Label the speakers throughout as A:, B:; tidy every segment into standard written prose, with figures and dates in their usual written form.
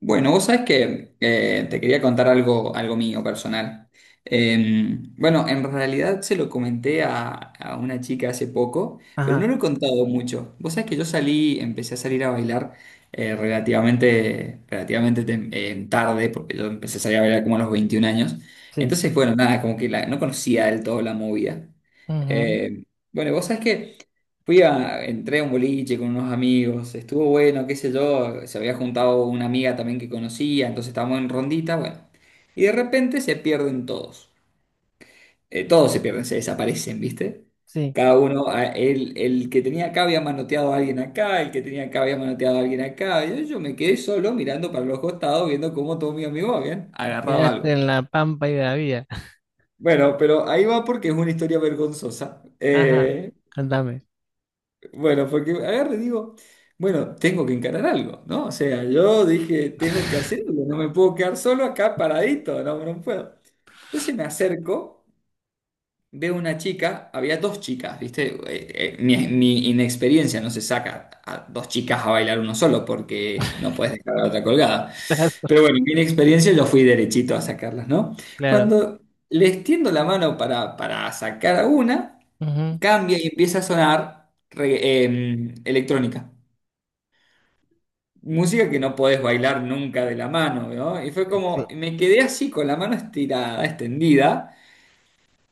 A: Bueno, vos sabés que te quería contar algo, algo mío personal. Bueno, en realidad se lo comenté a una chica hace poco, pero no
B: Ajá,
A: lo he contado mucho. Vos sabés que yo salí, empecé a salir a bailar relativamente tarde, porque yo empecé a salir a bailar como a los 21 años.
B: sí.
A: Entonces, bueno, nada, como que no conocía del todo la movida.
B: Ujú,
A: Eh, bueno, vos sabés que... Fui entré a un boliche con unos amigos, estuvo bueno, qué sé yo, se había juntado una amiga también que conocía, entonces estábamos en rondita, bueno. Y de repente se pierden todos. Todos se pierden, se desaparecen, ¿viste?
B: sí.
A: Cada uno, el que tenía acá había manoteado a alguien acá, el que tenía acá había manoteado a alguien acá. Y yo me quedé solo mirando para los costados, viendo cómo todos mis amigos habían agarrado
B: Quedaste
A: algo.
B: en la pampa y de la vida.
A: Bueno, pero ahí va porque es una historia vergonzosa.
B: Ajá, contame.
A: Bueno, porque agarre, y digo, bueno, tengo que encarar algo, ¿no? O sea, yo dije, tengo que hacer algo, no me puedo quedar solo acá paradito, no, no puedo. Entonces me acerco. Veo una chica, había dos chicas, ¿viste? Mi inexperiencia no se saca a dos chicas a bailar uno solo porque no puedes dejar a la otra colgada. Pero bueno, mi inexperiencia yo fui derechito a sacarlas, ¿no?
B: Claro, claro.
A: Cuando les tiendo la mano para sacar a una,
B: Ujú.
A: cambia y empieza a sonar electrónica. Música que no podés bailar nunca de la mano, ¿no? Y fue como, me quedé así con la mano estirada, extendida.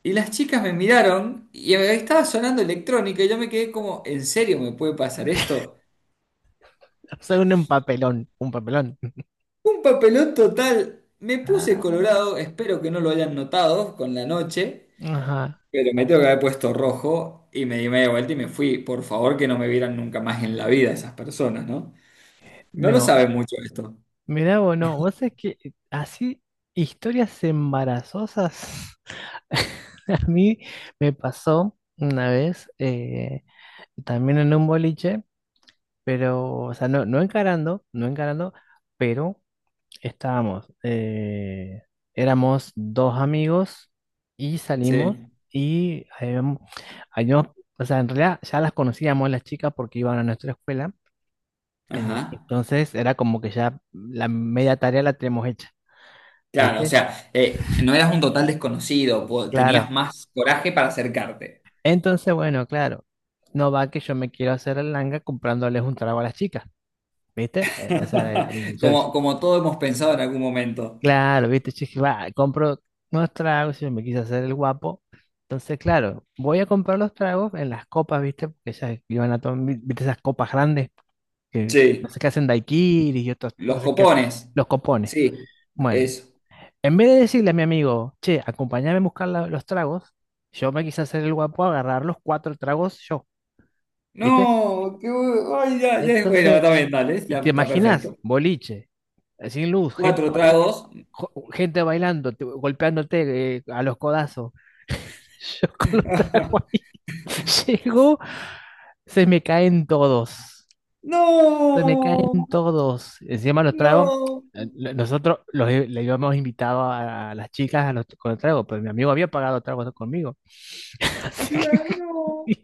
A: Y las chicas me miraron y estaba sonando electrónica y yo me quedé como, ¿en serio me puede pasar esto?
B: O sea, un papelón, un papelón.
A: Un papelón total. Me puse
B: Ah,
A: colorado, espero que no lo hayan notado con la noche,
B: ajá,
A: pero me tengo que haber puesto rojo y me di media vuelta y me fui. Por favor, que no me vieran nunca más en la vida esas personas, ¿no? No lo
B: no.
A: saben mucho esto.
B: Mirá vos, no. Vos sabés que así, historias embarazosas. A mí me pasó una vez, también en un boliche, pero, o sea, no, no encarando, no encarando, pero. Estábamos, éramos dos amigos y salimos
A: Sí.
B: y habíamos- o sea, en realidad ya las conocíamos las chicas porque iban a nuestra escuela,
A: Ajá.
B: entonces era como que ya la media tarea la tenemos hecha,
A: Claro, o
B: ¿viste?
A: sea, no eras un total desconocido,
B: Claro.
A: tenías más coraje para acercarte.
B: Entonces, bueno, claro, no va que yo me quiero hacer el langa comprándoles un trago a las chicas, ¿viste? O sea,
A: Como, como todos hemos pensado en algún momento.
B: claro, viste, yo dije, va, compro unos tragos, yo me quise hacer el guapo. Entonces, claro, voy a comprar los tragos en las copas, viste, porque ellas iban a tomar, viste, esas copas grandes que no
A: Sí,
B: sé qué hacen daiquiris y otros,
A: los
B: no sé qué,
A: copones.
B: los copones.
A: Sí,
B: Bueno,
A: eso.
B: en vez de decirle a mi amigo, che, acompáñame a buscar los tragos, yo me quise hacer el guapo, agarrar los cuatro tragos yo, viste.
A: No, ay, ya, ya es bueno,
B: Entonces,
A: también dale,
B: y
A: ya
B: te
A: está
B: imaginas,
A: perfecto.
B: boliche, sin luz, gente
A: Cuatro
B: bailando.
A: tragos.
B: Gente bailando, golpeándote a los codazos. Yo con los tragos ahí. Llego, se me caen todos. Se me
A: No,
B: caen todos. Encima los trago
A: no,
B: nosotros los, le íbamos invitado a las chicas a con el trago, pero mi amigo había pagado tragos conmigo. Así que
A: claro. No.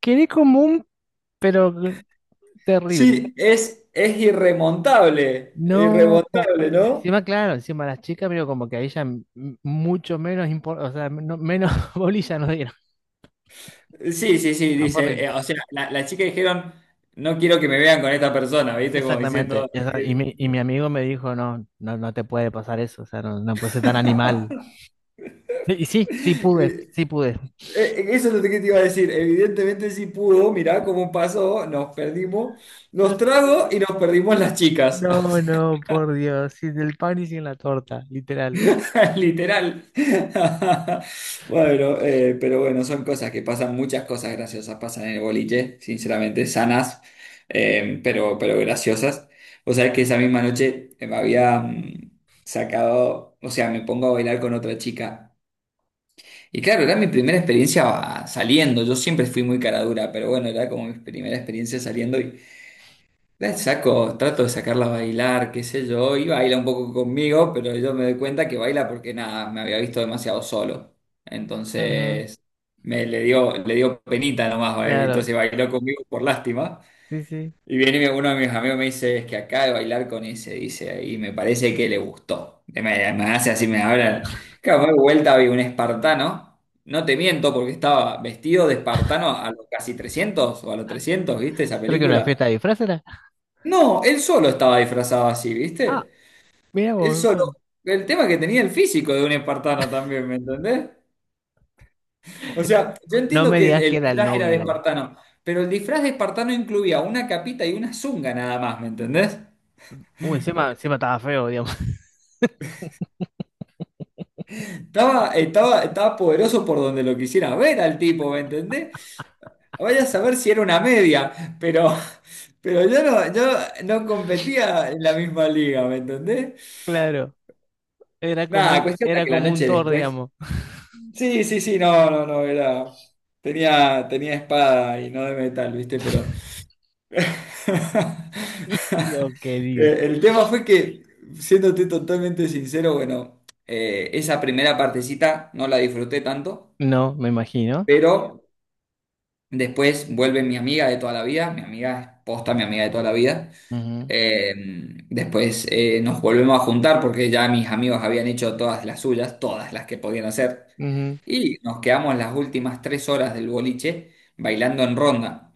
B: quedé como un, pero terrible.
A: Sí, es irremontable,
B: No.
A: irremontable, ¿no?
B: Encima, claro, encima las chicas, pero como que a ella mucho menos, o sea, menos bolilla nos dieron.
A: Sí, sí, sí,
B: No, fue
A: dice,
B: horrible.
A: o sea, la chica dijeron, no quiero que me vean con esta persona,
B: Es
A: ¿viste? Como
B: Exactamente.
A: diciendo... que-
B: Y mi amigo me dijo, no, no, no te puede pasar eso, o sea, no, no puedes ser tan animal. Y sí, sí pude, sí pude.
A: Eso es lo que te iba a decir. Evidentemente sí pudo, mirá cómo pasó, nos perdimos
B: Ay,
A: los tragos y nos perdimos las chicas.
B: no, no, por Dios, sin el pan y sin la torta, literal.
A: O sea, literal. Bueno, pero bueno, son cosas que pasan, muchas cosas graciosas pasan en el boliche, sinceramente, sanas, pero graciosas. O sea, que esa misma noche me había sacado, o sea, me pongo a bailar con otra chica. Y claro, era mi primera experiencia saliendo. Yo siempre fui muy cara dura, pero bueno, era como mi primera experiencia saliendo y la saco, trato de sacarla a bailar, qué sé yo, y baila un poco conmigo, pero yo me doy cuenta que baila porque nada, me había visto demasiado solo.
B: Ujú,
A: Entonces le dio penita nomás, ¿eh?
B: claro,
A: Entonces bailó conmigo por lástima.
B: sí, sí.
A: Y viene uno de mis amigos me dice, es que acá de bailar con ese, dice, y me parece que le gustó. Me hace así, me habla. Claro, me doy vuelta, vi un espartano. No te miento, porque estaba vestido de espartano a los casi trescientos o a los
B: Ah,
A: trescientos ¿viste esa
B: creo que una fiesta
A: película?
B: de disfraz era.
A: No, él solo estaba disfrazado así,
B: Ah,
A: ¿viste?
B: mira
A: Él
B: vos, o
A: solo.
B: sea,
A: El tema que tenía el físico de un espartano también, ¿me entendés? O sea, yo
B: no
A: entiendo
B: me
A: que
B: digas que
A: el
B: era el
A: disfraz era de
B: novio.
A: espartano, pero el disfraz de espartano incluía una capita y una zunga nada más, ¿me entendés?
B: Uy, encima, encima estaba feo, digamos.
A: Estaba poderoso por donde lo quisiera ver al tipo, ¿me entendés? Vaya a saber si era una media, pero, pero yo no, yo no competía en la misma liga, ¿me entendés?
B: Claro,
A: Nada, cuestión de
B: era
A: que la
B: como un
A: noche
B: Thor,
A: después.
B: digamos.
A: Sí, sí, sí, no, no, no, era. Tenía espada y no de metal, ¿viste? Pero.
B: Dios querido.
A: El tema fue que, siéndote totalmente sincero, bueno, esa primera partecita no la disfruté tanto,
B: No, me imagino.
A: pero después vuelve mi amiga de toda la vida, mi amiga es posta, mi amiga de toda la vida. Eh, Después nos volvemos a juntar porque ya mis amigos habían hecho todas las suyas, todas las que podían hacer.
B: Ujú,
A: Y nos quedamos las últimas 3 horas del boliche bailando en ronda.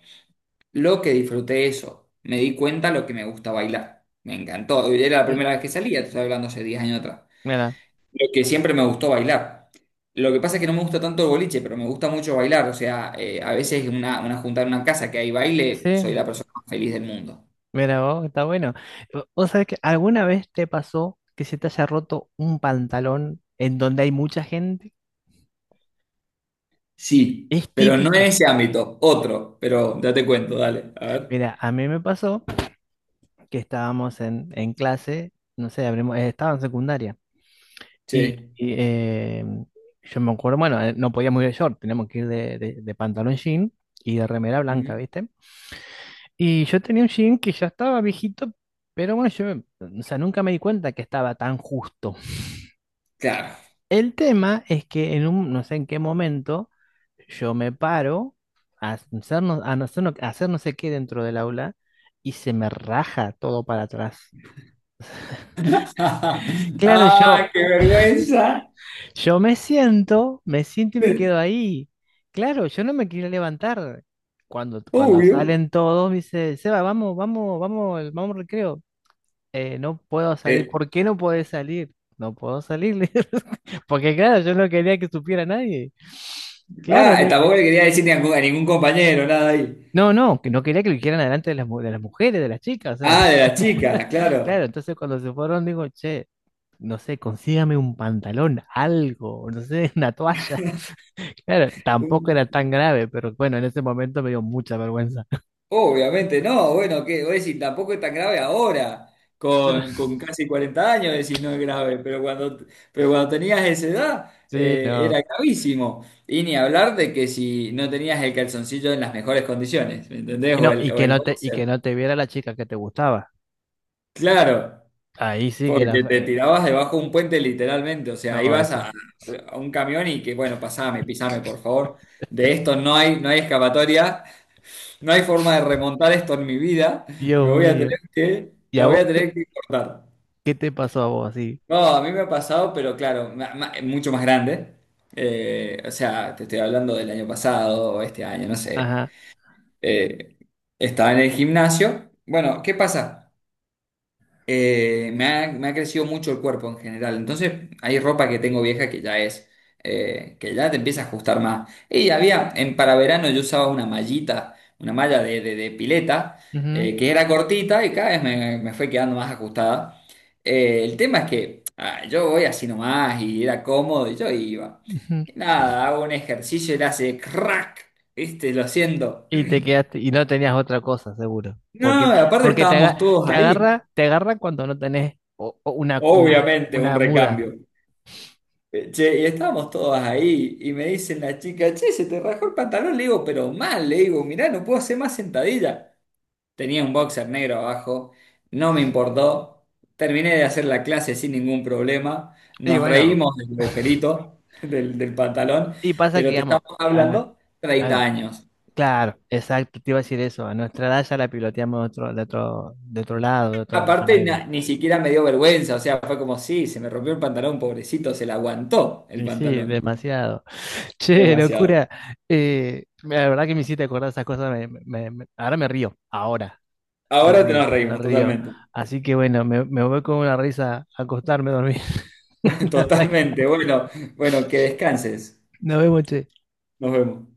A: Lo que disfruté eso, me di cuenta lo que me gusta bailar. Me encantó. Era la
B: ujú.
A: primera vez que salía, te estoy hablando hace 10 años atrás.
B: Mira,
A: Lo que siempre me gustó bailar. Lo que pasa es que no me gusta tanto el boliche, pero me gusta mucho bailar. O sea, a veces una juntada en una casa que hay
B: sí,
A: baile, soy la persona más feliz del mundo.
B: mira vos, está bueno. ¿Vos sabés que alguna vez te pasó que se te haya roto un pantalón en donde hay mucha gente?
A: Sí,
B: Es
A: pero no en
B: típica.
A: ese ámbito, otro. Pero ya te cuento, dale. A ver.
B: Mira, a mí me pasó que estábamos en clase, no sé, abrimos, estaba en secundaria. Y,
A: Sí.
B: y, eh, yo me acuerdo, bueno, no podíamos ir de short, teníamos que ir de pantalón jean y de remera blanca,
A: Ujú.
B: ¿viste? Y yo tenía un jean que ya estaba viejito, pero bueno, yo, o sea, nunca me di cuenta que estaba tan justo.
A: Claro.
B: El tema es que en un, no sé en qué momento, yo me paro a hacer no, a no, hacer no a hacer no sé qué dentro del aula y se me raja todo para atrás. Claro,
A: ¡Ah,
B: yo,
A: qué vergüenza!
B: yo me siento y me quedo ahí. Claro, yo no me quería levantar. Cuando
A: Obvio.
B: salen todos, me dice, Seba, vamos, vamos, vamos, vamos al recreo. No puedo salir.
A: Eh,
B: ¿Por qué no podés salir? No puedo salir. le Porque claro, yo no quería que supiera nadie. Claro,
A: ah, tampoco le quería decir ni a, ningún a ningún compañero, nada ahí.
B: no, no, que no quería que lo hicieran adelante de las mujeres, de las chicas, o sea,
A: Ah, de las chicas,
B: claro,
A: claro.
B: entonces cuando se fueron digo, che, no sé, consígame un pantalón, algo, no sé, una toalla. Claro, tampoco era tan grave, pero bueno, en ese momento me dio mucha vergüenza.
A: Obviamente no, bueno, que vos decís, tampoco es tan grave ahora, con casi 40 años decís no es grave, pero cuando tenías esa edad
B: Sí,
A: era
B: no.
A: gravísimo. Y ni hablar de que si no tenías el calzoncillo en las mejores condiciones, ¿me entendés?
B: Y no, y
A: O
B: que
A: el
B: no te, y que
A: boxer.
B: no te viera la chica que te gustaba.
A: Claro,
B: Ahí sí que era
A: porque te tirabas debajo de un puente literalmente, o sea,
B: no,
A: ibas
B: eso.
A: a un camión y que, bueno, pasame, pisame, por favor. De esto no hay, no hay escapatoria. No hay forma de remontar esto en mi vida. Me
B: Dios
A: voy a
B: mío.
A: tener que,
B: ¿Y
A: la
B: a
A: voy
B: vos
A: a tener
B: qué,
A: que cortar.
B: qué te pasó a vos así?
A: No, a mí me ha pasado, pero claro, mucho más grande. O sea, te estoy hablando del año pasado, este año, no sé.
B: Ajá.
A: Eh, estaba en el gimnasio. Bueno, ¿qué pasa? Me ha crecido mucho el cuerpo en general. Entonces, hay ropa que tengo vieja que ya es, que ya te empieza a ajustar más. Y había, en para verano yo usaba una mallita, una malla de pileta,
B: Ujú,
A: que era cortita y cada vez me fue quedando más ajustada. El tema es que yo voy así nomás y era cómodo y yo iba.
B: ujú.
A: Y nada, hago un ejercicio y le hace crack, ¿viste? Lo siento.
B: Y te quedaste, y no tenías otra cosa, seguro. Porque,
A: No, aparte
B: porque
A: estábamos todos
B: te
A: ahí.
B: agarra, cuando no tenés o una, una,
A: Obviamente, un
B: una muda.
A: recambio. Che, y estábamos todos ahí y me dicen la chica, che, se te rajó el pantalón, le digo, pero mal, le digo, mirá, no puedo hacer más sentadilla. Tenía un boxer negro abajo, no me importó, terminé de hacer la clase sin ningún problema,
B: Y
A: nos
B: bueno,
A: reímos del agujerito del pantalón,
B: y pasa que,
A: pero te
B: digamos,
A: estamos
B: a nue-
A: hablando 30
B: a-
A: años.
B: claro, exacto, te iba a decir eso. A nuestra edad ya la piloteamos de otro lado, de otra
A: Aparte,
B: manera.
A: ni siquiera me dio vergüenza, o sea, fue como, sí, se me rompió el pantalón, pobrecito, se le aguantó el
B: Y sí,
A: pantalón.
B: demasiado. Che,
A: Demasiado.
B: locura. La verdad que me hiciste acordar esas cosas. Ahora me río, ahora me
A: Ahora te
B: río,
A: nos
B: me
A: reímos
B: río.
A: totalmente.
B: Así que bueno, me voy con una risa a acostarme a dormir.
A: Totalmente. Bueno, bueno, que descanses.
B: Nos vemos, che.
A: Nos vemos.